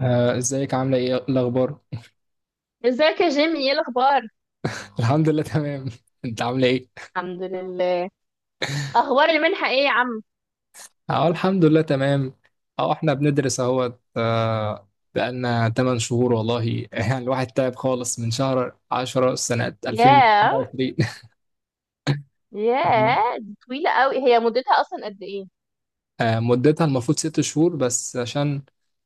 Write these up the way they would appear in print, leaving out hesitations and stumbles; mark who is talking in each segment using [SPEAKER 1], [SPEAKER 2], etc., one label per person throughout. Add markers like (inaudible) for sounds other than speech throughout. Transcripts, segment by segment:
[SPEAKER 1] ازيك، عاملة ايه؟ إيه الأخبار؟
[SPEAKER 2] ازيك يا جيمي، ايه الاخبار؟
[SPEAKER 1] (laughs) الحمد لله، تمام. (laughs) انت عاملة ايه؟
[SPEAKER 2] الحمد لله. اخبار المنحه ايه يا عم؟
[SPEAKER 1] اه، الحمد لله تمام. اه احنا بندرس اهوت. بقالنا 8 شهور والله. (laughs) يعني الواحد تعب خالص من شهر 10 سنة
[SPEAKER 2] ياه.
[SPEAKER 1] 2022.
[SPEAKER 2] ياه
[SPEAKER 1] (laughs)
[SPEAKER 2] دي طويله قوي، هي مدتها اصلا قد ايه؟
[SPEAKER 1] مدتها المفروض 6 شهور، بس عشان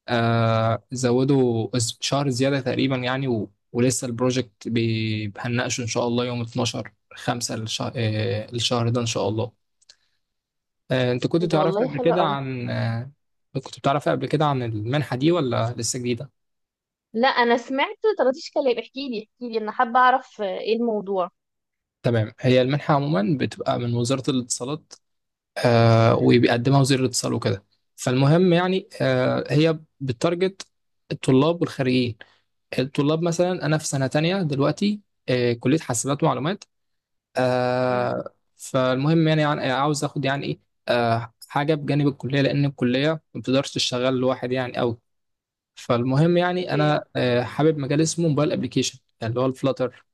[SPEAKER 1] زودوا شهر زيادة تقريبا يعني ولسه البروجكت هنناقشه ان شاء الله يوم 12 5 الشهر ده ان شاء الله. انت كنت
[SPEAKER 2] إيه ده،
[SPEAKER 1] تعرف
[SPEAKER 2] والله
[SPEAKER 1] قبل
[SPEAKER 2] حلو
[SPEAKER 1] كده
[SPEAKER 2] قوي.
[SPEAKER 1] عن كنت بتعرف قبل كده عن المنحة دي ولا لسه جديدة؟
[SPEAKER 2] لا انا سمعت طرطيش كلام، احكي لي احكي لي، انا حابه اعرف ايه الموضوع.
[SPEAKER 1] تمام. هي المنحة عموما بتبقى من وزارة الاتصالات، وبيقدمها وزير الاتصال وكده. فالمهم يعني هي بتارجت الطلاب والخريجين. الطلاب مثلا، أنا في سنة تانية دلوقتي، كلية حاسبات ومعلومات.
[SPEAKER 2] مم،
[SPEAKER 1] فالمهم يعني عاوز آخد يعني إيه حاجة بجانب الكلية، لأن الكلية ما بتقدرش تشتغل لوحد يعني أوي. فالمهم يعني
[SPEAKER 2] اوكي.
[SPEAKER 1] انا حابب مجال اسمه موبايل ابلكيشن اللي هو الفلاتر.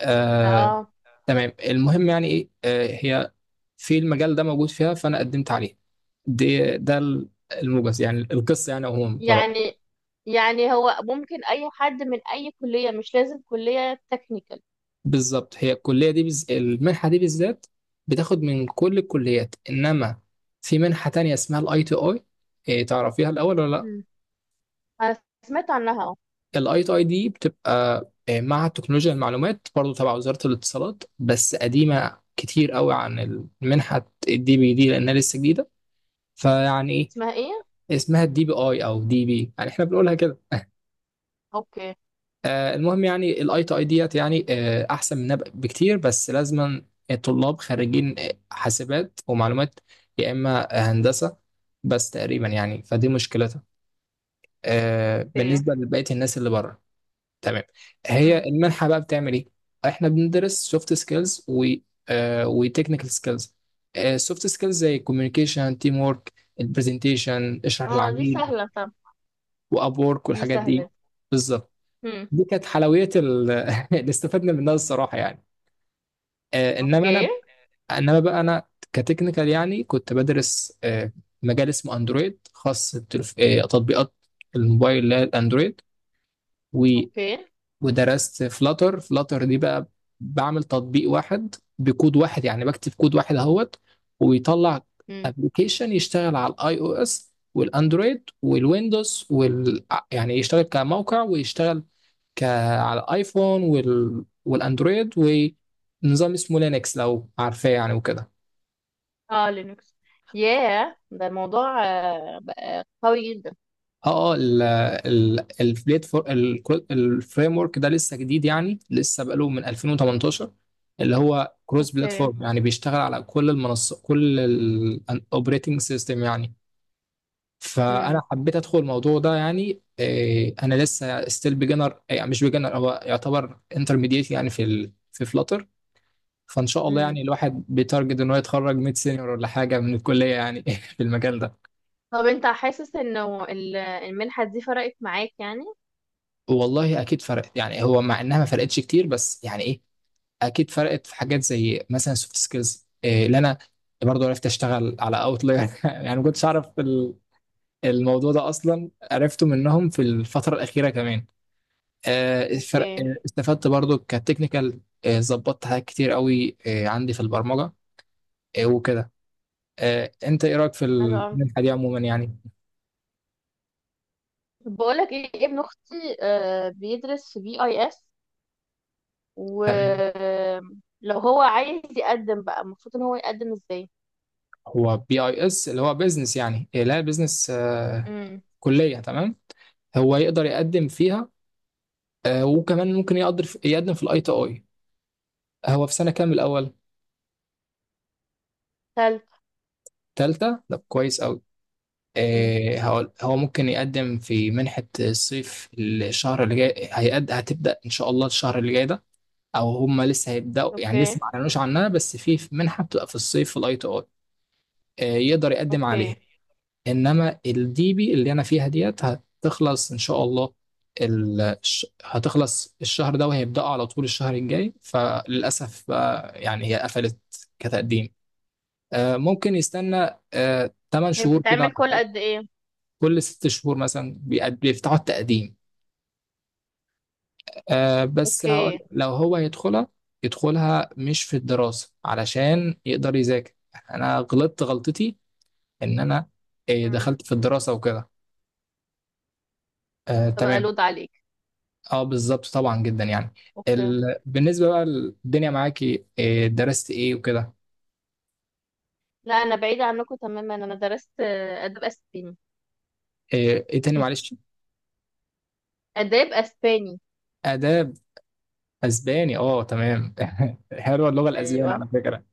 [SPEAKER 1] آه
[SPEAKER 2] اه.
[SPEAKER 1] تمام. المهم يعني ايه آه هي في المجال ده موجود فيها، فانا قدمت عليه. دي ده ال- الموجز يعني القصه يعني عموما
[SPEAKER 2] يعني يعني هو ممكن اي حد من اي كليه، مش لازم كليه تكنيكال؟
[SPEAKER 1] بالظبط. هي المنحه دي بالذات بتاخد من كل الكليات، انما في منحه تانية اسمها الاي تي اي. تعرفيها الاول ولا؟
[SPEAKER 2] مم. انا سمعت عنها اه.
[SPEAKER 1] الاي تي اي دي بتبقى مع تكنولوجيا المعلومات برضو تبع وزارة الاتصالات، بس قديمة كتير قوي عن المنحة الدي بي دي لأنها لسه جديدة. فيعني إيه
[SPEAKER 2] اسمها ايه؟
[SPEAKER 1] اسمها؟ الدي بي اي أو دي بي يعني إحنا بنقولها كده.
[SPEAKER 2] اوكي.
[SPEAKER 1] المهم يعني الاي تي اي ديت يعني أحسن منها بكتير، بس لازما الطلاب خريجين حاسبات ومعلومات يا إما هندسة بس تقريبا يعني. فدي مشكلتها
[SPEAKER 2] اوكي.
[SPEAKER 1] بالنسبة لبقية الناس اللي بره. تمام. هي
[SPEAKER 2] مم.
[SPEAKER 1] المنحة بقى بتعمل ايه؟ احنا بندرس سوفت سكيلز و وتكنيكال سكيلز. سوفت سكيلز زي الكوميونيكيشن، تيم ورك، البرزنتيشن، اشرح
[SPEAKER 2] اه دي
[SPEAKER 1] للعميل،
[SPEAKER 2] سهله طب.
[SPEAKER 1] واب وورك،
[SPEAKER 2] دي
[SPEAKER 1] والحاجات دي.
[SPEAKER 2] سهله.
[SPEAKER 1] بالظبط.
[SPEAKER 2] مم.
[SPEAKER 1] دي كانت حلويات ال- (laughs) اللي استفدنا منها الصراحة يعني، آه، انما انا
[SPEAKER 2] اوكي.
[SPEAKER 1] انما بقى انا كتكنيكال، يعني كنت بدرس مجال اسمه اندرويد خاص تطبيقات الموبايل اللي هي الاندرويد.
[SPEAKER 2] اوكي.
[SPEAKER 1] ودرست فلاتر. فلاتر دي بقى بعمل تطبيق واحد بكود واحد، يعني بكتب كود واحد اهوت ويطلع
[SPEAKER 2] امم.
[SPEAKER 1] ابلكيشن يشتغل على الاي او اس والاندرويد والويندوز يعني يشتغل كموقع ويشتغل ك... على الايفون والاندرويد، ونظام اسمه لينكس لو عارفاه يعني وكده.
[SPEAKER 2] اه لينكس. ياه، ده الموضوع بقى قوي جدا.
[SPEAKER 1] اه اه، ال ال البليت فور، الفريم ورك ده لسه جديد يعني، لسه بقاله من 2018، اللي هو كروس
[SPEAKER 2] اوكي.
[SPEAKER 1] بلاتفورم يعني بيشتغل على كل المنصات، كل الاوبريتنج سيستم يعني. فانا
[SPEAKER 2] امم.
[SPEAKER 1] حبيت ادخل الموضوع ده، يعني إيه، انا لسه ستيل بيجنر يعني، مش بيجنر، هو يعتبر انترميديت يعني في فلاتر. فان شاء الله
[SPEAKER 2] امم.
[SPEAKER 1] يعني الواحد بيتارجت ان هو يتخرج ميد سينيور ولا حاجه من الكليه يعني (laughs) في المجال ده.
[SPEAKER 2] طب انت حاسس انه المنحة دي فرقت معاك يعني؟
[SPEAKER 1] والله اكيد فرقت، يعني هو مع انها ما فرقتش كتير بس يعني إيه، اكيد فرقت في حاجات زي مثلا سوفت سكيلز اللي انا برضو عرفت اشتغل على اوتلاير (laughs) يعني ما كنتش اعرف الموضوع ده اصلا، عرفته منهم في الفتره الاخيره كمان. الفرق
[SPEAKER 2] اوكي.
[SPEAKER 1] استفدت برضو كتكنيكال، ظبطت حاجات كتير قوي عندي في البرمجه وكده. انت ايه رايك في
[SPEAKER 2] حلو قوي.
[SPEAKER 1] المنحه دي عموما يعني؟
[SPEAKER 2] طب بقولك ايه، ابن اختي بيدرس في بي اي اس،
[SPEAKER 1] تمام.
[SPEAKER 2] ولو هو عايز يقدم بقى المفروض ان هو يقدم ازاي؟
[SPEAKER 1] هو بي اي اس اللي هو بيزنس يعني، لا بيزنس
[SPEAKER 2] امم.
[SPEAKER 1] كليه، تمام. هو يقدر يقدم فيها وكمان ممكن يقدر يقدم في الاي تي اي. هو في سنة كام الأول؟
[SPEAKER 2] تالت.
[SPEAKER 1] تالتة؟ طب كويس أوي.
[SPEAKER 2] امم.
[SPEAKER 1] إيه، هقول هو ممكن يقدم في منحة الصيف الشهر اللي جاي. هتبدأ إن شاء الله الشهر اللي جاي ده، أو هما لسه هيبدأوا يعني، لسه
[SPEAKER 2] اوكي.
[SPEAKER 1] ما أعلنوش عنها، بس في منحة بتبقى في الصيف في الأي تي أي يقدر يقدم
[SPEAKER 2] اوكي.
[SPEAKER 1] عليها. إنما الدي بي اللي أنا فيها ديت هتخلص إن شاء الله. هتخلص الشهر ده وهيبدأوا على طول الشهر الجاي. فللأسف بقى يعني هي قفلت كتقديم. ممكن يستنى 8
[SPEAKER 2] هي
[SPEAKER 1] شهور كده
[SPEAKER 2] بتتعمل
[SPEAKER 1] ولا
[SPEAKER 2] كل
[SPEAKER 1] حاجه.
[SPEAKER 2] قد ايه؟
[SPEAKER 1] كل 6 شهور مثلا بيفتحوا التقديم. بس هقول
[SPEAKER 2] اوكي.
[SPEAKER 1] لو هو يدخلها، يدخلها مش في الدراسه علشان يقدر يذاكر. انا غلطت غلطتي ان انا
[SPEAKER 2] امم.
[SPEAKER 1] دخلت في الدراسه وكده
[SPEAKER 2] فبقى
[SPEAKER 1] تمام.
[SPEAKER 2] لود عليك.
[SPEAKER 1] اه بالظبط طبعا جدا يعني.
[SPEAKER 2] اوكي.
[SPEAKER 1] بالنسبه بقى الدنيا معاكي، درست ايه وكده؟
[SPEAKER 2] لا انا بعيدة عنكم تماما، انا درست اداب اسباني.
[SPEAKER 1] ايه تاني معلش؟
[SPEAKER 2] اداب اسباني.
[SPEAKER 1] اداب اسباني؟ اه تمام. (laughs) حلوه اللغه الاسبانيه
[SPEAKER 2] ايوه.
[SPEAKER 1] على فكره.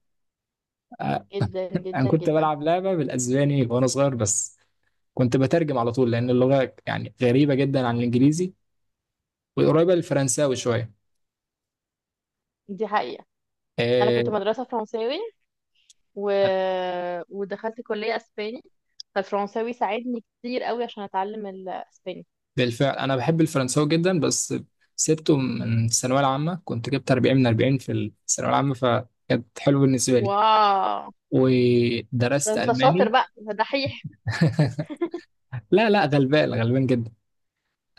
[SPEAKER 2] جدا
[SPEAKER 1] انا
[SPEAKER 2] جدا
[SPEAKER 1] كنت
[SPEAKER 2] جدا.
[SPEAKER 1] بلعب لعبه بالاسباني وانا صغير، بس كنت بترجم على طول لان اللغه يعني غريبه جدا عن الانجليزي وقريبه للفرنساوي شويه.
[SPEAKER 2] دي حقيقة. انا كنت
[SPEAKER 1] آه،
[SPEAKER 2] مدرسة فرنساوي و... ودخلت كلية اسباني، فالفرنساوي ساعدني كتير قوي عشان اتعلم الاسباني.
[SPEAKER 1] بالفعل انا بحب الفرنساوي جدا، بس سبته من الثانويه العامه. كنت جبت 40 من 40 في الثانويه العامه، فكانت حلوه بالنسبه لي.
[SPEAKER 2] واو. ده
[SPEAKER 1] ودرست
[SPEAKER 2] انت شاطر
[SPEAKER 1] الماني.
[SPEAKER 2] بقى، ده دحيح.
[SPEAKER 1] (laughs) لا لا، غلبان غلبان جدا.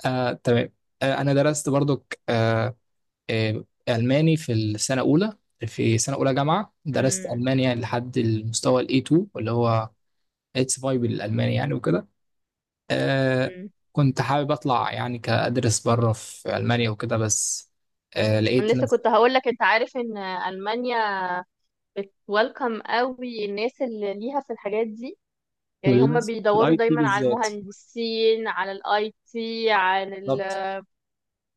[SPEAKER 1] آه تمام. آه انا درست برضو ألماني في السنة الأولى. في سنة أولى جامعة درست
[SPEAKER 2] مم.
[SPEAKER 1] ألماني، يعني لحد المستوى ال A2 اللي هو اتس فاي بالألماني يعني وكده. آه.
[SPEAKER 2] مم.
[SPEAKER 1] كنت حابب أطلع يعني، كأدرس بره في ألمانيا وكده، بس آه
[SPEAKER 2] انا
[SPEAKER 1] لقيت
[SPEAKER 2] لسه كنت
[SPEAKER 1] نفسي.
[SPEAKER 2] هقول لك، انت عارف ان المانيا بتويلكم قوي الناس اللي ليها في الحاجات دي؟ يعني هم
[SPEAKER 1] واللانس في
[SPEAKER 2] بيدوروا
[SPEAKER 1] الأي تي
[SPEAKER 2] دايما على
[SPEAKER 1] بالذات.
[SPEAKER 2] المهندسين، على الاي تي، عن
[SPEAKER 1] بالظبط.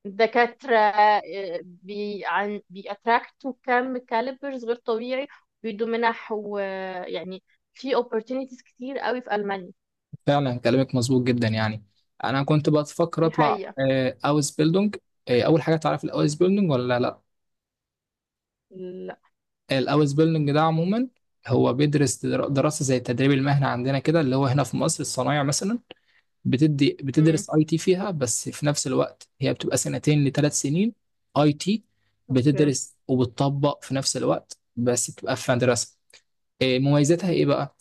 [SPEAKER 2] الدكاترة. بي عن بيأتراكتوا كم كاليبرز غير طبيعي، بيدوا منح ويعني في opportunities كتير قوي في ألمانيا.
[SPEAKER 1] فعلا كلامك مظبوط جدا يعني. أنا كنت بفكر
[SPEAKER 2] دي
[SPEAKER 1] أطلع
[SPEAKER 2] حقيقة.
[SPEAKER 1] آه أوز بيلدونج. آه، أول حاجة، تعرف الأوز بيلدونج ولا لأ؟
[SPEAKER 2] لا.
[SPEAKER 1] الاوس بيلدنج ده عموما، هو بيدرس دراسه زي التدريب المهني عندنا كده، اللي هو هنا في مصر الصنايع مثلا. بتدي،
[SPEAKER 2] امم.
[SPEAKER 1] بتدرس اي تي فيها، بس في نفس الوقت هي بتبقى 2 لـ 3 سنين اي تي.
[SPEAKER 2] اوكي.
[SPEAKER 1] بتدرس وبتطبق في نفس الوقت، بس بتبقى في مدرسه. إيه مميزاتها ايه بقى؟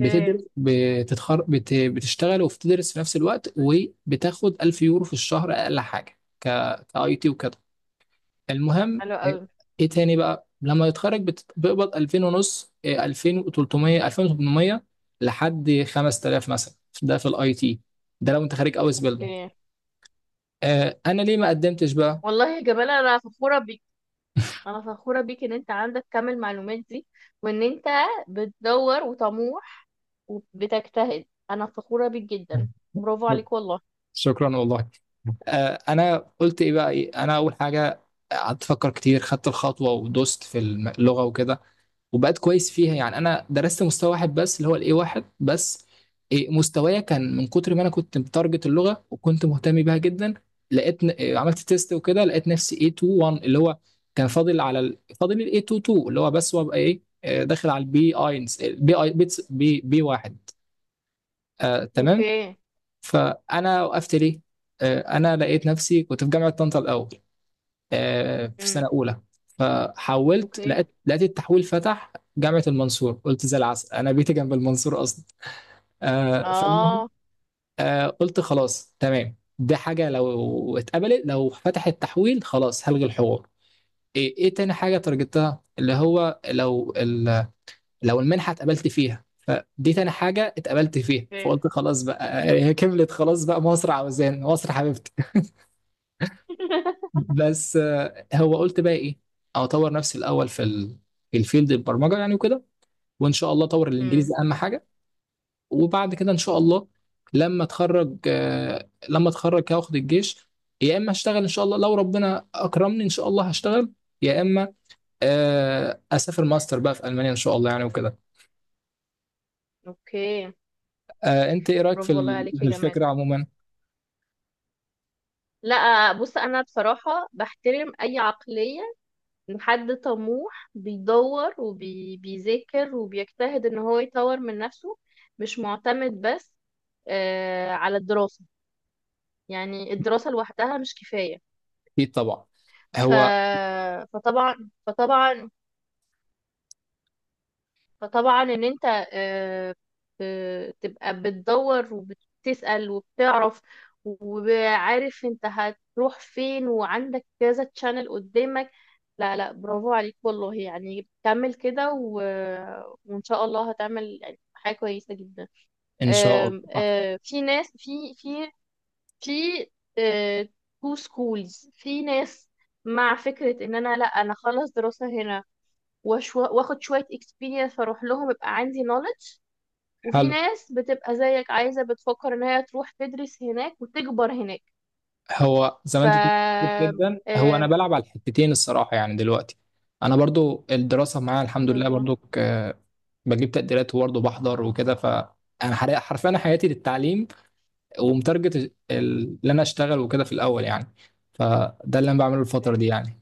[SPEAKER 2] اوكي.
[SPEAKER 1] بتشتغل وبتدرس في نفس الوقت، وبتاخد 1000 يورو في الشهر اقل حاجه كاي تي وكده. المهم
[SPEAKER 2] حلو
[SPEAKER 1] ايه
[SPEAKER 2] قوي.
[SPEAKER 1] إيه تاني بقى؟ لما يتخرج بيقبض 2000 ونص إيه، 2300 2800 لحد 5000 مثلا. ده في الاي تي، ده لو انت خارج اوس بيلدونج.
[SPEAKER 2] اوكي.
[SPEAKER 1] آه انا ليه ما قدمتش بقى؟
[SPEAKER 2] والله يا جمال انا فخورة بيك، انا فخورة بيك ان انت عندك كم المعلومات دي، وان انت بتدور وطموح وبتجتهد، انا فخورة بيك جدا. برافو
[SPEAKER 1] شك-
[SPEAKER 2] عليك والله.
[SPEAKER 1] شكرا والله. آه انا قلت ايه بقى إيه؟ انا اول حاجه قعدت افكر كتير، خدت الخطوه ودوست في اللغه وكده وبقيت كويس فيها يعني. انا درست مستوى واحد بس اللي هو الاي واحد بس إيه، مستوايا كان من كتر ما انا كنت متارجت اللغه وكنت مهتم بيها جدا. لقيت ن- إيه، عملت تيست وكده، لقيت نفسي A 2 1 اللي هو كان فاضل على فاضل ال A 2 2 اللي هو بس، وابقى ايه داخل على البي اينز البي اي بي بي 1. آه تمام.
[SPEAKER 2] اوكي.
[SPEAKER 1] فانا وقفت ليه؟ آه انا لقيت نفسي كنت في جامعه طنطا الاول، في
[SPEAKER 2] امم.
[SPEAKER 1] سنة أولى. فحولت
[SPEAKER 2] اوكي.
[SPEAKER 1] لقيت التحويل فتح جامعة المنصور، قلت زي العسل، أنا بيتي جنب المنصور أصلا. فالمهم
[SPEAKER 2] اه.
[SPEAKER 1] قلت خلاص تمام، دي حاجة لو اتقبلت، لو فتح التحويل خلاص هلغي الحوار. إيه, إيه تاني حاجة ترجتها، اللي هو لو لو المنحة اتقبلت فيها، فدي تاني حاجة اتقبلت فيها،
[SPEAKER 2] اوكي.
[SPEAKER 1] فقلت خلاص بقى. هي كملت خلاص بقى، مصر عاوزان، مصر حبيبتي.
[SPEAKER 2] (laughs)
[SPEAKER 1] بس هو قلت بقى ايه، او اطور نفسي الاول في الفيلد البرمجه يعني وكده. وان شاء الله اطور
[SPEAKER 2] امم.
[SPEAKER 1] الانجليزي اهم حاجه. وبعد كده ان شاء الله لما اتخرج لما اتخرج هاخد الجيش، يا اما اشتغل ان شاء الله لو ربنا اكرمني ان شاء الله هشتغل، يا اما اسافر ماستر بقى في المانيا ان شاء الله يعني وكده.
[SPEAKER 2] اوكي.
[SPEAKER 1] انت ايه رايك
[SPEAKER 2] برافو والله عليك
[SPEAKER 1] في
[SPEAKER 2] يا جمال.
[SPEAKER 1] الفكره عموما؟
[SPEAKER 2] لا بص، انا بصراحة بحترم اي عقلية ان حد طموح بيدور وبيذاكر وبيجتهد ان هو يطور من نفسه، مش معتمد بس على الدراسة. يعني الدراسة لوحدها مش كفاية.
[SPEAKER 1] اكيد طبعا.
[SPEAKER 2] ف...
[SPEAKER 1] هو
[SPEAKER 2] فطبعا فطبعا فطبعا ان انت آه، تبقى بتدور وبتسأل وبتعرف، وعارف انت هتروح فين، وعندك كذا تشانل قدامك. لا لا، برافو عليك والله، يعني كمل كده وان شاء الله هتعمل يعني حاجة كويسة جدا.
[SPEAKER 1] ان شاء الله
[SPEAKER 2] آم، آه، في ناس في في تو سكولز، في ناس مع فكرة ان انا لا، انا اخلص دراسة هنا واخد شوية experience فاروح لهم يبقى عندي knowledge، وفي
[SPEAKER 1] حلو.
[SPEAKER 2] ناس بتبقى زيك عايزة، بتفكر ان هي تروح تدرس هناك وتكبر هناك.
[SPEAKER 1] هو زي
[SPEAKER 2] ف
[SPEAKER 1] ما انت بتقول، مظبوط جدا. هو انا
[SPEAKER 2] آم،
[SPEAKER 1] بلعب على الحتتين الصراحه يعني دلوقتي. انا برضو الدراسه معايا الحمد لله
[SPEAKER 2] بالظبط.
[SPEAKER 1] برضو بجيب تقديرات وبرضو بحضر وكده ف انا حرفيا، أنا حياتي للتعليم، ومتارجت اللي انا اشتغل وكده في الاول يعني. فده اللي انا بعمله الفتره دي يعني.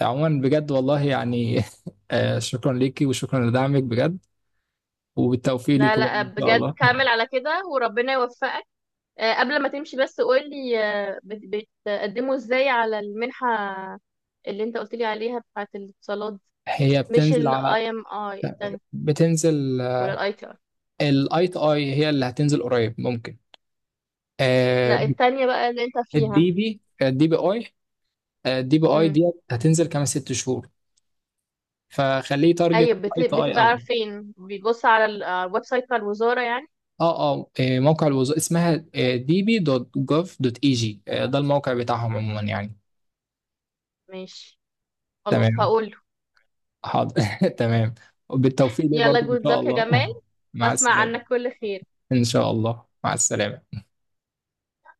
[SPEAKER 1] عموما بجد والله يعني (laughs) شكرا ليكي وشكرا لدعمك بجد، وبالتوفيق
[SPEAKER 2] لا
[SPEAKER 1] ليكي برضو
[SPEAKER 2] لا،
[SPEAKER 1] ان شاء
[SPEAKER 2] بجد
[SPEAKER 1] الله.
[SPEAKER 2] كمل على كده وربنا يوفقك. قبل ما تمشي بس قولي، بتقدموا ازاي على المنحة اللي انت قلت لي عليها، بتاعت الاتصالات؟
[SPEAKER 1] هي
[SPEAKER 2] مش
[SPEAKER 1] بتنزل
[SPEAKER 2] ال
[SPEAKER 1] على
[SPEAKER 2] IMI التانية
[SPEAKER 1] بتنزل.
[SPEAKER 2] ولا ال ITI؟
[SPEAKER 1] الاي تي اي هي اللي هتنزل قريب ممكن، آه،
[SPEAKER 2] لا التانية بقى اللي انت فيها.
[SPEAKER 1] الدي بي اي الدي بي اي
[SPEAKER 2] امم.
[SPEAKER 1] دي هتنزل كمان 6 شهور، فخليه تارجت
[SPEAKER 2] ايوه،
[SPEAKER 1] اي تو اي
[SPEAKER 2] بتبقى
[SPEAKER 1] افضل.
[SPEAKER 2] عارفين بيبص على على الويب سايت بتاع الوزارة يعني؟
[SPEAKER 1] اه اه، موقع الوظائف اسمها دي بي دوت جوف دوت اي جي. ده الموقع بتاعهم عموما يعني.
[SPEAKER 2] ماشي، خلاص
[SPEAKER 1] تمام.
[SPEAKER 2] هقوله.
[SPEAKER 1] حاضر. (laughs) تمام. بالتوفيق ليه
[SPEAKER 2] يلا،
[SPEAKER 1] برضو ان
[SPEAKER 2] جود
[SPEAKER 1] شاء
[SPEAKER 2] لك يا
[SPEAKER 1] الله.
[SPEAKER 2] جمال،
[SPEAKER 1] (laughs) مع
[SPEAKER 2] واسمع
[SPEAKER 1] السلامة.
[SPEAKER 2] عنك كل خير.
[SPEAKER 1] ان شاء الله مع السلامة.